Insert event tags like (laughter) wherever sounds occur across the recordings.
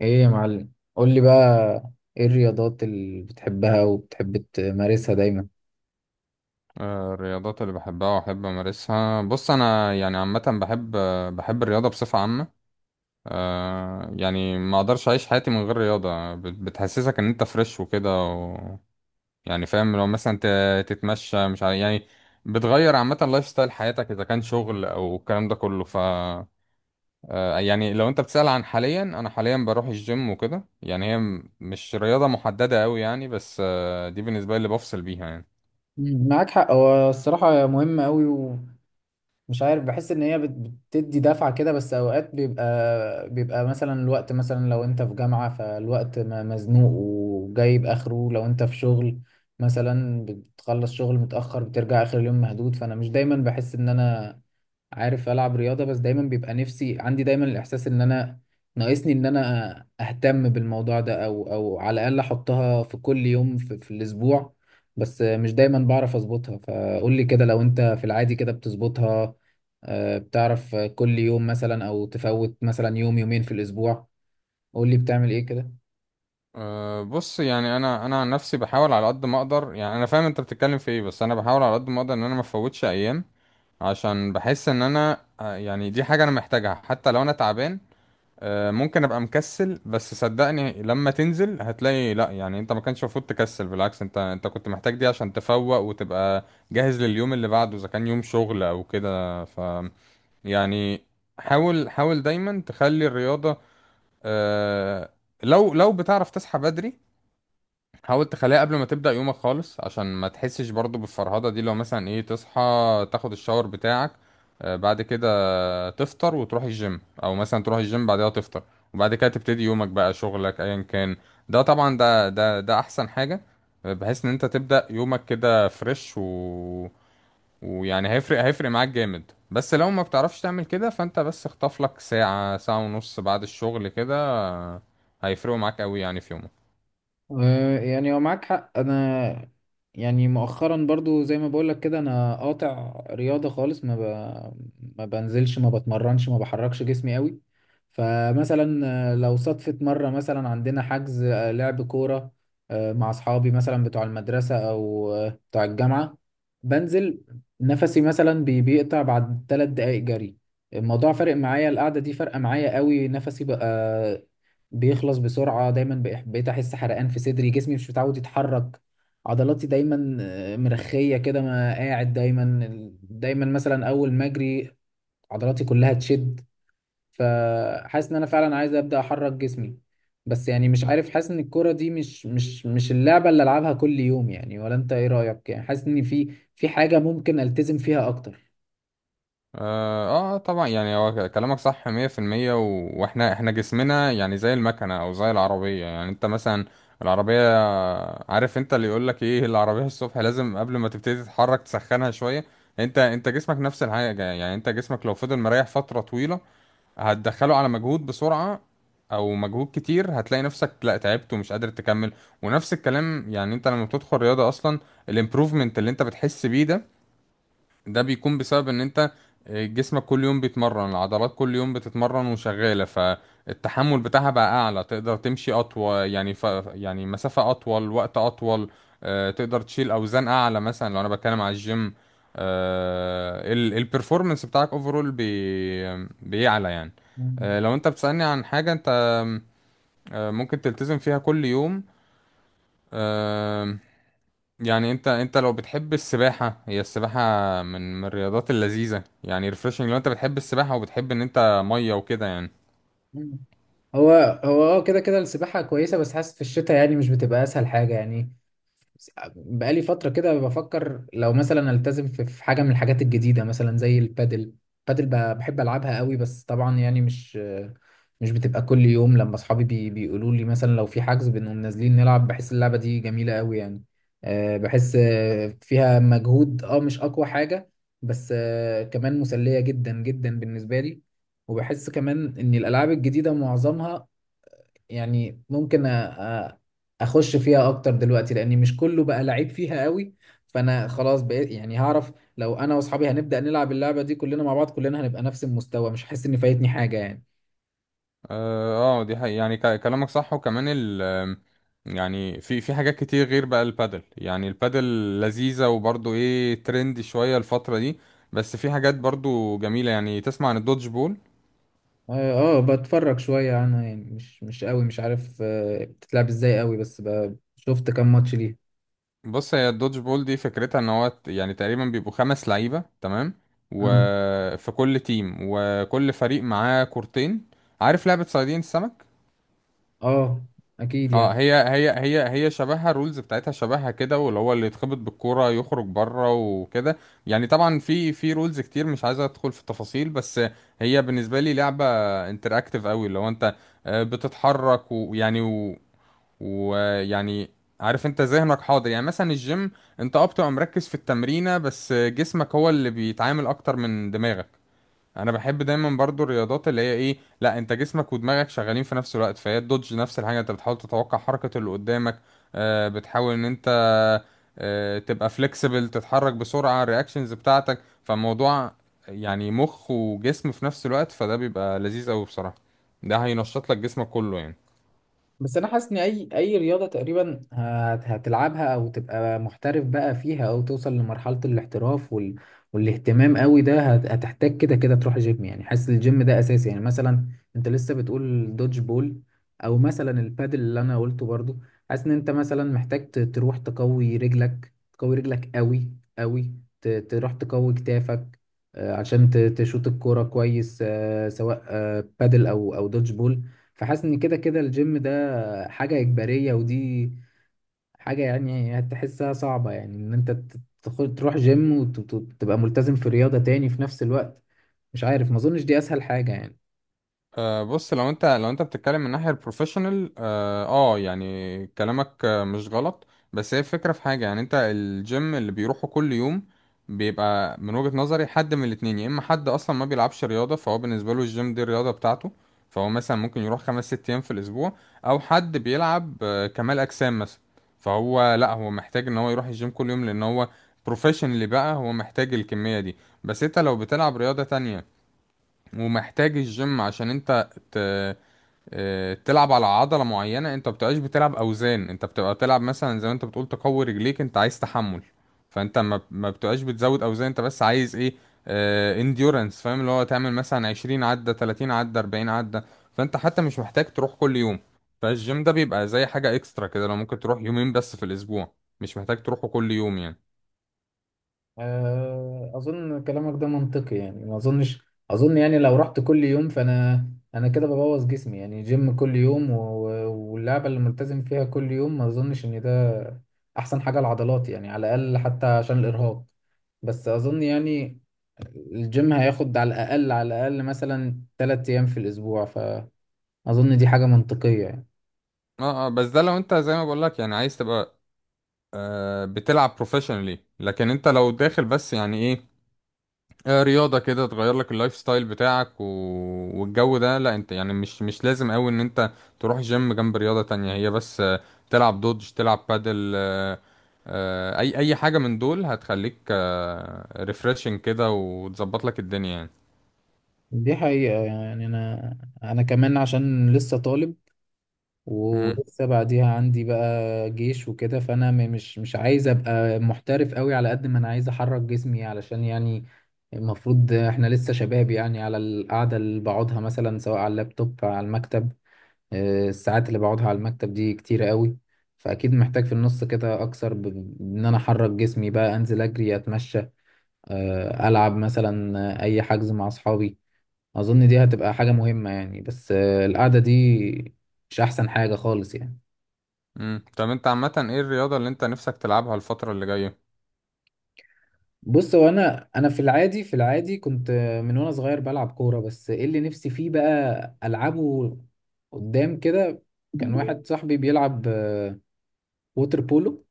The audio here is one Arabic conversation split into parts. ايه يا معلم قول لي بقى، ايه الرياضات اللي بتحبها وبتحب تمارسها دايما؟ الرياضات اللي بحبها وأحب أمارسها. بص، أنا يعني عامة بحب، بحب الرياضة بصفة عامة. يعني ما أقدرش أعيش حياتي من غير رياضة، بتحسسك إن أنت فريش وكده. يعني فاهم، لو مثلا تتمشى، مش عارف يعني. بتغير عامة لايف ستايل حياتك، إذا كان شغل أو الكلام ده كله. يعني لو أنت بتسأل عن حاليا، أنا حاليا بروح الجيم وكده. يعني هي مش رياضة محددة أوي يعني، بس دي بالنسبة لي اللي بفصل بيها يعني. مم، معاك حق. هو الصراحة مهمة قوي، ومش عارف، بحس ان هي بتدي دفعة كده. بس اوقات بيبقى مثلا الوقت، مثلا لو انت في جامعة فالوقت مزنوق وجايب اخره. لو انت في شغل مثلا بتخلص شغل متأخر، بترجع اخر اليوم مهدود، فانا مش دايما بحس ان انا عارف العب رياضه. بس دايما بيبقى نفسي، عندي دايما الاحساس ان انا ناقصني ان انا اهتم بالموضوع ده، او على الاقل احطها في كل يوم في الاسبوع، بس مش دايما بعرف اظبطها. فقول لي كده، لو انت في العادي كده بتظبطها؟ آه، بتعرف كل يوم مثلا؟ او تفوت مثلا يوم يومين في الاسبوع؟ قول لي بتعمل ايه كده. بص، يعني انا عن نفسي بحاول على قد ما اقدر. يعني انا فاهم انت بتتكلم في ايه، بس انا بحاول على قد ما اقدر ان انا ما افوتش ايام، عشان بحس ان انا، يعني دي حاجه انا محتاجها حتى لو انا تعبان. ممكن ابقى مكسل، بس صدقني لما تنزل هتلاقي لا. يعني انت ما كانش المفروض تكسل، بالعكس انت كنت محتاج دي عشان تفوق وتبقى جاهز لليوم اللي بعده، اذا كان يوم شغل او كده. يعني، حاول حاول دايما تخلي الرياضه. أه لو بتعرف تصحى بدري، حاول تخليها قبل ما تبدأ يومك خالص، عشان ما تحسش برضو بالفرهدة دي. لو مثلا ايه، تصحى، تاخد الشاور بتاعك، بعد كده تفطر وتروح الجيم، او مثلا تروح الجيم بعدها تفطر. وبعد كده تبتدي يومك بقى، شغلك ايا كان. ده طبعا ده احسن حاجة. بحيث ان انت تبدأ يومك كده فريش. ويعني هيفرق معاك جامد. بس لو ما بتعرفش تعمل كده، فانت بس اخطف لك ساعة ساعة ونص بعد الشغل كده، هيفرقوا معاك قوي يعني في يومك. يعني هو معاك حق. انا يعني مؤخرا برضو زي ما بقولك كده انا قاطع رياضة خالص. ما بنزلش، ما بتمرنش، ما بحركش جسمي قوي. فمثلا لو صدفت مرة مثلا عندنا حجز، لعب كورة مع اصحابي، مثلا بتوع المدرسة او بتوع الجامعة، بنزل، نفسي مثلا بيقطع بعد ثلاث دقايق جري. الموضوع فارق معايا، القعدة دي فارقة معايا قوي. نفسي بقى بيخلص بسرعة، بقيت أحس حرقان في صدري، جسمي مش متعود يتحرك، عضلاتي دايما مرخية كده، ما قاعد دايما. دايما مثلا أول ما أجري عضلاتي كلها تشد. فحاسس إن أنا فعلا عايز أبدأ أحرك جسمي، بس يعني مش عارف، حاسس إن الكرة دي مش اللعبة اللي ألعبها كل يوم يعني. ولا أنت إيه رأيك؟ يعني حاسس إن في حاجة ممكن ألتزم فيها أكتر. طبعا يعني هو كلامك صح 100%. واحنا جسمنا يعني زي المكنة او زي العربية. يعني انت مثلا العربية، عارف انت اللي يقول لك ايه، العربية الصبح لازم قبل ما تبتدي تتحرك تسخنها شوية. انت جسمك نفس الحاجة. يعني انت جسمك لو فضل مريح فترة طويلة، هتدخله على مجهود بسرعة او مجهود كتير، هتلاقي نفسك لا، تعبت ومش قادر تكمل. ونفس الكلام، يعني انت لما بتدخل رياضة اصلا، الامبروفمنت اللي انت بتحس بيه ده، ده بيكون بسبب ان انت جسمك كل يوم بيتمرن. العضلات كل يوم بتتمرن وشغالة، فالتحمل بتاعها بقى اعلى، تقدر تمشي اطول يعني. يعني مسافة اطول، وقت اطول. تقدر تشيل اوزان اعلى مثلا لو انا بتكلم على الجيم. البرفورمانس بتاعك اوفرول بيعلى يعني. مم. لو انت بتسألني عن حاجة انت ممكن تلتزم فيها كل يوم. يعني انت لو بتحب السباحة، هي السباحة من الرياضات اللذيذة يعني، ريفرشنج. لو انت بتحب السباحة وبتحب ان انت مية وكده يعني. مم. هو هو اه، كده كده السباحة كويسة، بس حاسس في الشتاء يعني مش بتبقى أسهل حاجة يعني. بقالي فترة كده بفكر لو مثلا التزم في حاجة من الحاجات الجديدة مثلا زي البادل. بادل بحب ألعبها قوي، بس طبعا يعني مش بتبقى كل يوم. لما أصحابي بيقولوا لي مثلا لو في حجز بنقوم نازلين نلعب، بحس اللعبة دي جميلة قوي يعني. آه، بحس آه، فيها مجهود، اه مش أقوى حاجة، بس آه، كمان مسلية جدا جدا بالنسبة لي. وبحس كمان إن الألعاب الجديدة معظمها يعني ممكن أ- اخش فيها اكتر دلوقتي، لاني مش كله بقى لعيب فيها قوي. فانا خلاص بقيت يعني هعرف، لو انا واصحابي هنبدأ نلعب اللعبة دي كلنا مع بعض، كلنا هنبقى نفس المستوى، مش هحس ان فايتني حاجة يعني. اه، دي حقيقة يعني، كلامك صح. وكمان ال آم، يعني في حاجات كتير غير بقى البادل. يعني البادل لذيذة وبرضو ايه، ترند شوية الفترة دي. بس في حاجات برضو جميلة، يعني تسمع عن الدودج بول؟ اه آه، بتفرج شوية عنها يعني، مش قوي، مش عارف آه، بتتلعب ازاي قوي، بس شفت كام ماتش ليها. بص، هي الدودج بول دي فكرتها ان هو، يعني تقريبا بيبقوا خمس لعيبة، تمام، اه وفي كل تيم وكل فريق معاه كورتين. عارف لعبة صيادين السمك؟ اه اكيد اه يعني. هي شبهها. الرولز بتاعتها شبهها كده، واللي هو اللي يتخبط بالكورة يخرج بره وكده. يعني طبعا في رولز كتير، مش عايز ادخل في التفاصيل. بس هي بالنسبة لي لعبة انتراكتيف قوي. اللي هو انت بتتحرك. ويعني عارف انت ذهنك حاضر. يعني مثلا الجيم، انت بتبقى مركز في التمرينة، بس جسمك هو اللي بيتعامل اكتر من دماغك. انا بحب دايما برضو الرياضات اللي هي ايه، لا انت جسمك ودماغك شغالين في نفس الوقت. فهي الدوج نفس الحاجة، انت بتحاول تتوقع حركة اللي قدامك. بتحاول ان انت تبقى فليكسبل، تتحرك بسرعة، الرياكشنز بتاعتك. فالموضوع يعني مخ وجسم في نفس الوقت، فده بيبقى لذيذ قوي بصراحة. ده هينشط لك جسمك كله يعني. بس انا حاسس ان اي رياضه تقريبا هتلعبها او تبقى محترف بقى فيها، او توصل لمرحله الاحتراف والاهتمام قوي ده هتحتاج كده كده تروح جيم يعني. حاسس الجيم ده اساسي يعني. مثلا انت لسه بتقول دوج بول، او مثلا البادل اللي انا قلته برضو، حاسس ان انت مثلا محتاج تروح تقوي رجلك قوي. تروح تقوي كتافك آه، عشان تشوط الكوره كويس، آه، سواء آه، بادل او دوج بول. فحاسس ان كده كده الجيم ده حاجة إجبارية، ودي حاجة يعني هتحسها صعبة، يعني إن أنت تروح جيم وتبقى ملتزم في رياضة تاني في نفس الوقت. مش عارف، ما أظنش دي أسهل حاجة يعني. بص، لو انت بتتكلم من ناحية البروفيشنال، يعني كلامك مش غلط. بس هي الفكرة في حاجة، يعني انت الجيم اللي بيروحه كل يوم بيبقى من وجهة نظري حد من الاتنين. يا اما حد اصلا ما بيلعبش رياضة، فهو بالنسبة له الجيم دي الرياضة بتاعته، فهو مثلا ممكن يروح خمس ست ايام في الاسبوع، او حد بيلعب كمال اجسام مثلا، فهو لا، هو محتاج ان هو يروح الجيم كل يوم لان هو بروفيشنال بقى، هو محتاج الكمية دي. بس انت لو بتلعب رياضة تانية ومحتاج الجيم عشان انت، تلعب على عضلة معينة، انت بتبقاش بتلعب اوزان، انت بتبقى بتلعب مثلا زي ما انت بتقول تقوي رجليك، انت عايز تحمل. فانت ما بتبقاش بتزود اوزان، انت بس عايز ايه؟ انديورنس. فاهم اللي هو تعمل مثلا 20 عدة، 30 عدة، 40 عدة، فانت حتى مش محتاج تروح كل يوم. فالجيم ده بيبقى زي حاجة اكسترا كده، لو ممكن تروح يومين بس في الاسبوع، مش محتاج تروحه كل يوم يعني. آه، أظن كلامك ده منطقي يعني. ما أظنش، أظن يعني لو رحت كل يوم فأنا، أنا كده ببوظ جسمي يعني. جيم كل يوم واللعبة اللي ملتزم فيها كل يوم، ما أظنش إن ده أحسن حاجة لعضلاتي يعني، على الأقل حتى عشان الإرهاق. بس أظن يعني الجيم هياخد على الأقل، على الأقل مثلا تلات أيام في الأسبوع. فأظن دي حاجة منطقية يعني. اه بس ده لو انت زي ما بقول لك، يعني عايز تبقى بتلعب بروفيشنالي. لكن انت لو داخل بس يعني ايه، رياضة كده تغير لك اللايف ستايل بتاعك، والجو ده، لا انت يعني مش لازم قوي ان انت تروح جيم جنب رياضة تانية. هي بس، تلعب دودج، تلعب بادل، اي حاجة من دول هتخليك ريفريشنج كده، وتظبط لك الدنيا يعني. دي حقيقة يعني. أنا كمان عشان لسه طالب امم ولسه بعديها عندي بقى جيش وكده، فأنا مش مش عايز أبقى محترف قوي، على قد ما أنا عايز أحرك جسمي علشان يعني المفروض إحنا لسه شباب يعني. على القعدة اللي بقعدها مثلا سواء على اللابتوب أو على المكتب، آه، الساعات اللي بقعدها على المكتب دي كتيرة قوي. فأكيد محتاج في النص كده أكثر بإن أنا أحرك جسمي بقى، أنزل أجري، أتمشى، آه، ألعب مثلا آه، أي حجز مع أصحابي. أظن دي هتبقى حاجة مهمة يعني. بس آه، القعدة دي مش أحسن حاجة خالص يعني. طب انت عامة، ايه الرياضة اللي انت نفسك تلعبها الفترة اللي جاية؟ بص، هو أنا في العادي كنت آه، من وأنا صغير بلعب كورة. بس إيه اللي نفسي فيه بقى ألعبه قدام كده؟ كان (laughs) واحد صاحبي بيلعب آه، ووتر بولو.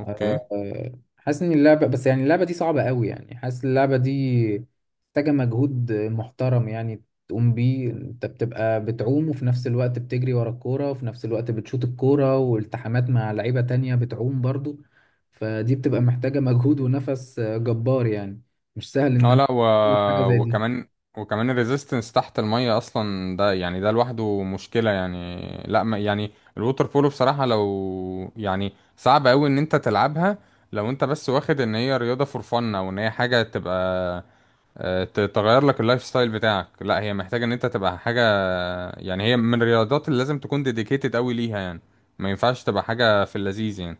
اوكي. آه، آه، حاسس ان اللعبه، بس يعني اللعبه دي صعبه قوي يعني. حاسس اللعبه دي محتاجه مجهود محترم يعني تقوم بيه. انت بتبقى بتعوم، وفي نفس الوقت بتجري ورا الكوره، وفي نفس الوقت بتشوط الكوره، والتحامات مع لعيبه تانية بتعوم برضو. فدي بتبقى محتاجه مجهود ونفس آه، جبار يعني. مش سهل ان اه انا لا، أعمل حاجه زي دي. وكمان وكمان الريزيستنس تحت المية اصلا ده، يعني ده لوحده مشكلة. يعني لا ما يعني الووتر بولو بصراحة، لو يعني صعب قوي ان انت تلعبها لو انت بس واخد ان هي رياضة فور فن، او ان هي حاجة تبقى تغير لك اللايف ستايل بتاعك. لا هي محتاجة ان انت تبقى حاجة، يعني هي من الرياضات اللي لازم تكون ديديكيتد قوي ليها يعني. ما ينفعش تبقى حاجة في اللذيذ يعني.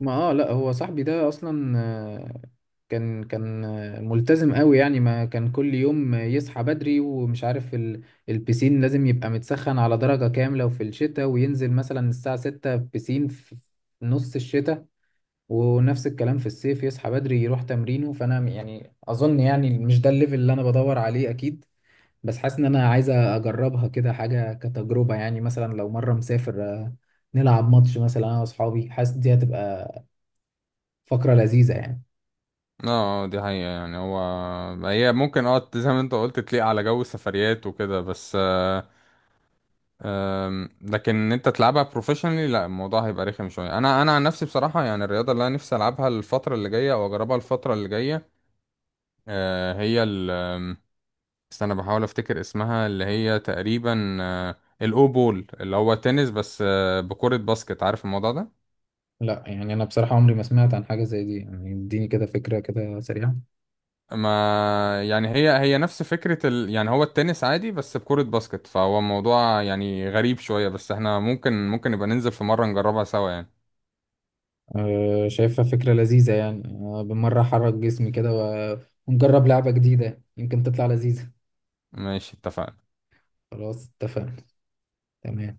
ما اه، لا هو صاحبي ده اصلا آه، كان آه، ملتزم قوي يعني. ما كان كل يوم يصحى بدري، ومش عارف البسين لازم يبقى متسخن على درجة كاملة وفي الشتاء، وينزل مثلا الساعة 6 بسين في نص الشتاء. ونفس الكلام في الصيف، يصحى بدري يروح تمرينه. فانا يعني اظن يعني مش ده الليفل اللي انا بدور عليه اكيد. بس حاسس ان انا عايز اجربها كده حاجة كتجربة يعني. مثلا لو مرة مسافر، آه، نلعب ماتش مثلا انا واصحابي، حاسس دي هتبقى فقرة لذيذة يعني. اه دي حقيقة يعني. هو هي ممكن زي ما انت قلت تليق على جو السفريات وكده، بس. لكن ان انت تلعبها بروفيشنالي لا، الموضوع هيبقى رخم شوية. انا عن نفسي بصراحة، يعني الرياضة اللي انا نفسي العبها الفترة اللي جاية، او اجربها الفترة اللي جاية هي ال استنى، بحاول افتكر اسمها اللي هي تقريبا الاو بول، اللي هو تنس بس بكرة باسكت. عارف الموضوع ده؟ لا يعني، أنا بصراحة عمري ما سمعت عن حاجة زي دي يعني. اديني كده فكرة كده سريعة. ما يعني هي نفس فكرة يعني هو التنس عادي بس بكرة باسكت، فهو موضوع يعني غريب شوية. بس احنا ممكن نبقى ننزل في مرة نجربها سوا يعني. أه، شايفها فكرة لذيذة يعني. أه بالمرة أحرك جسمي كده ونجرب لعبة جديدة يمكن تطلع لذيذة. ماشي اتفقنا. خلاص، اتفقنا. تمام.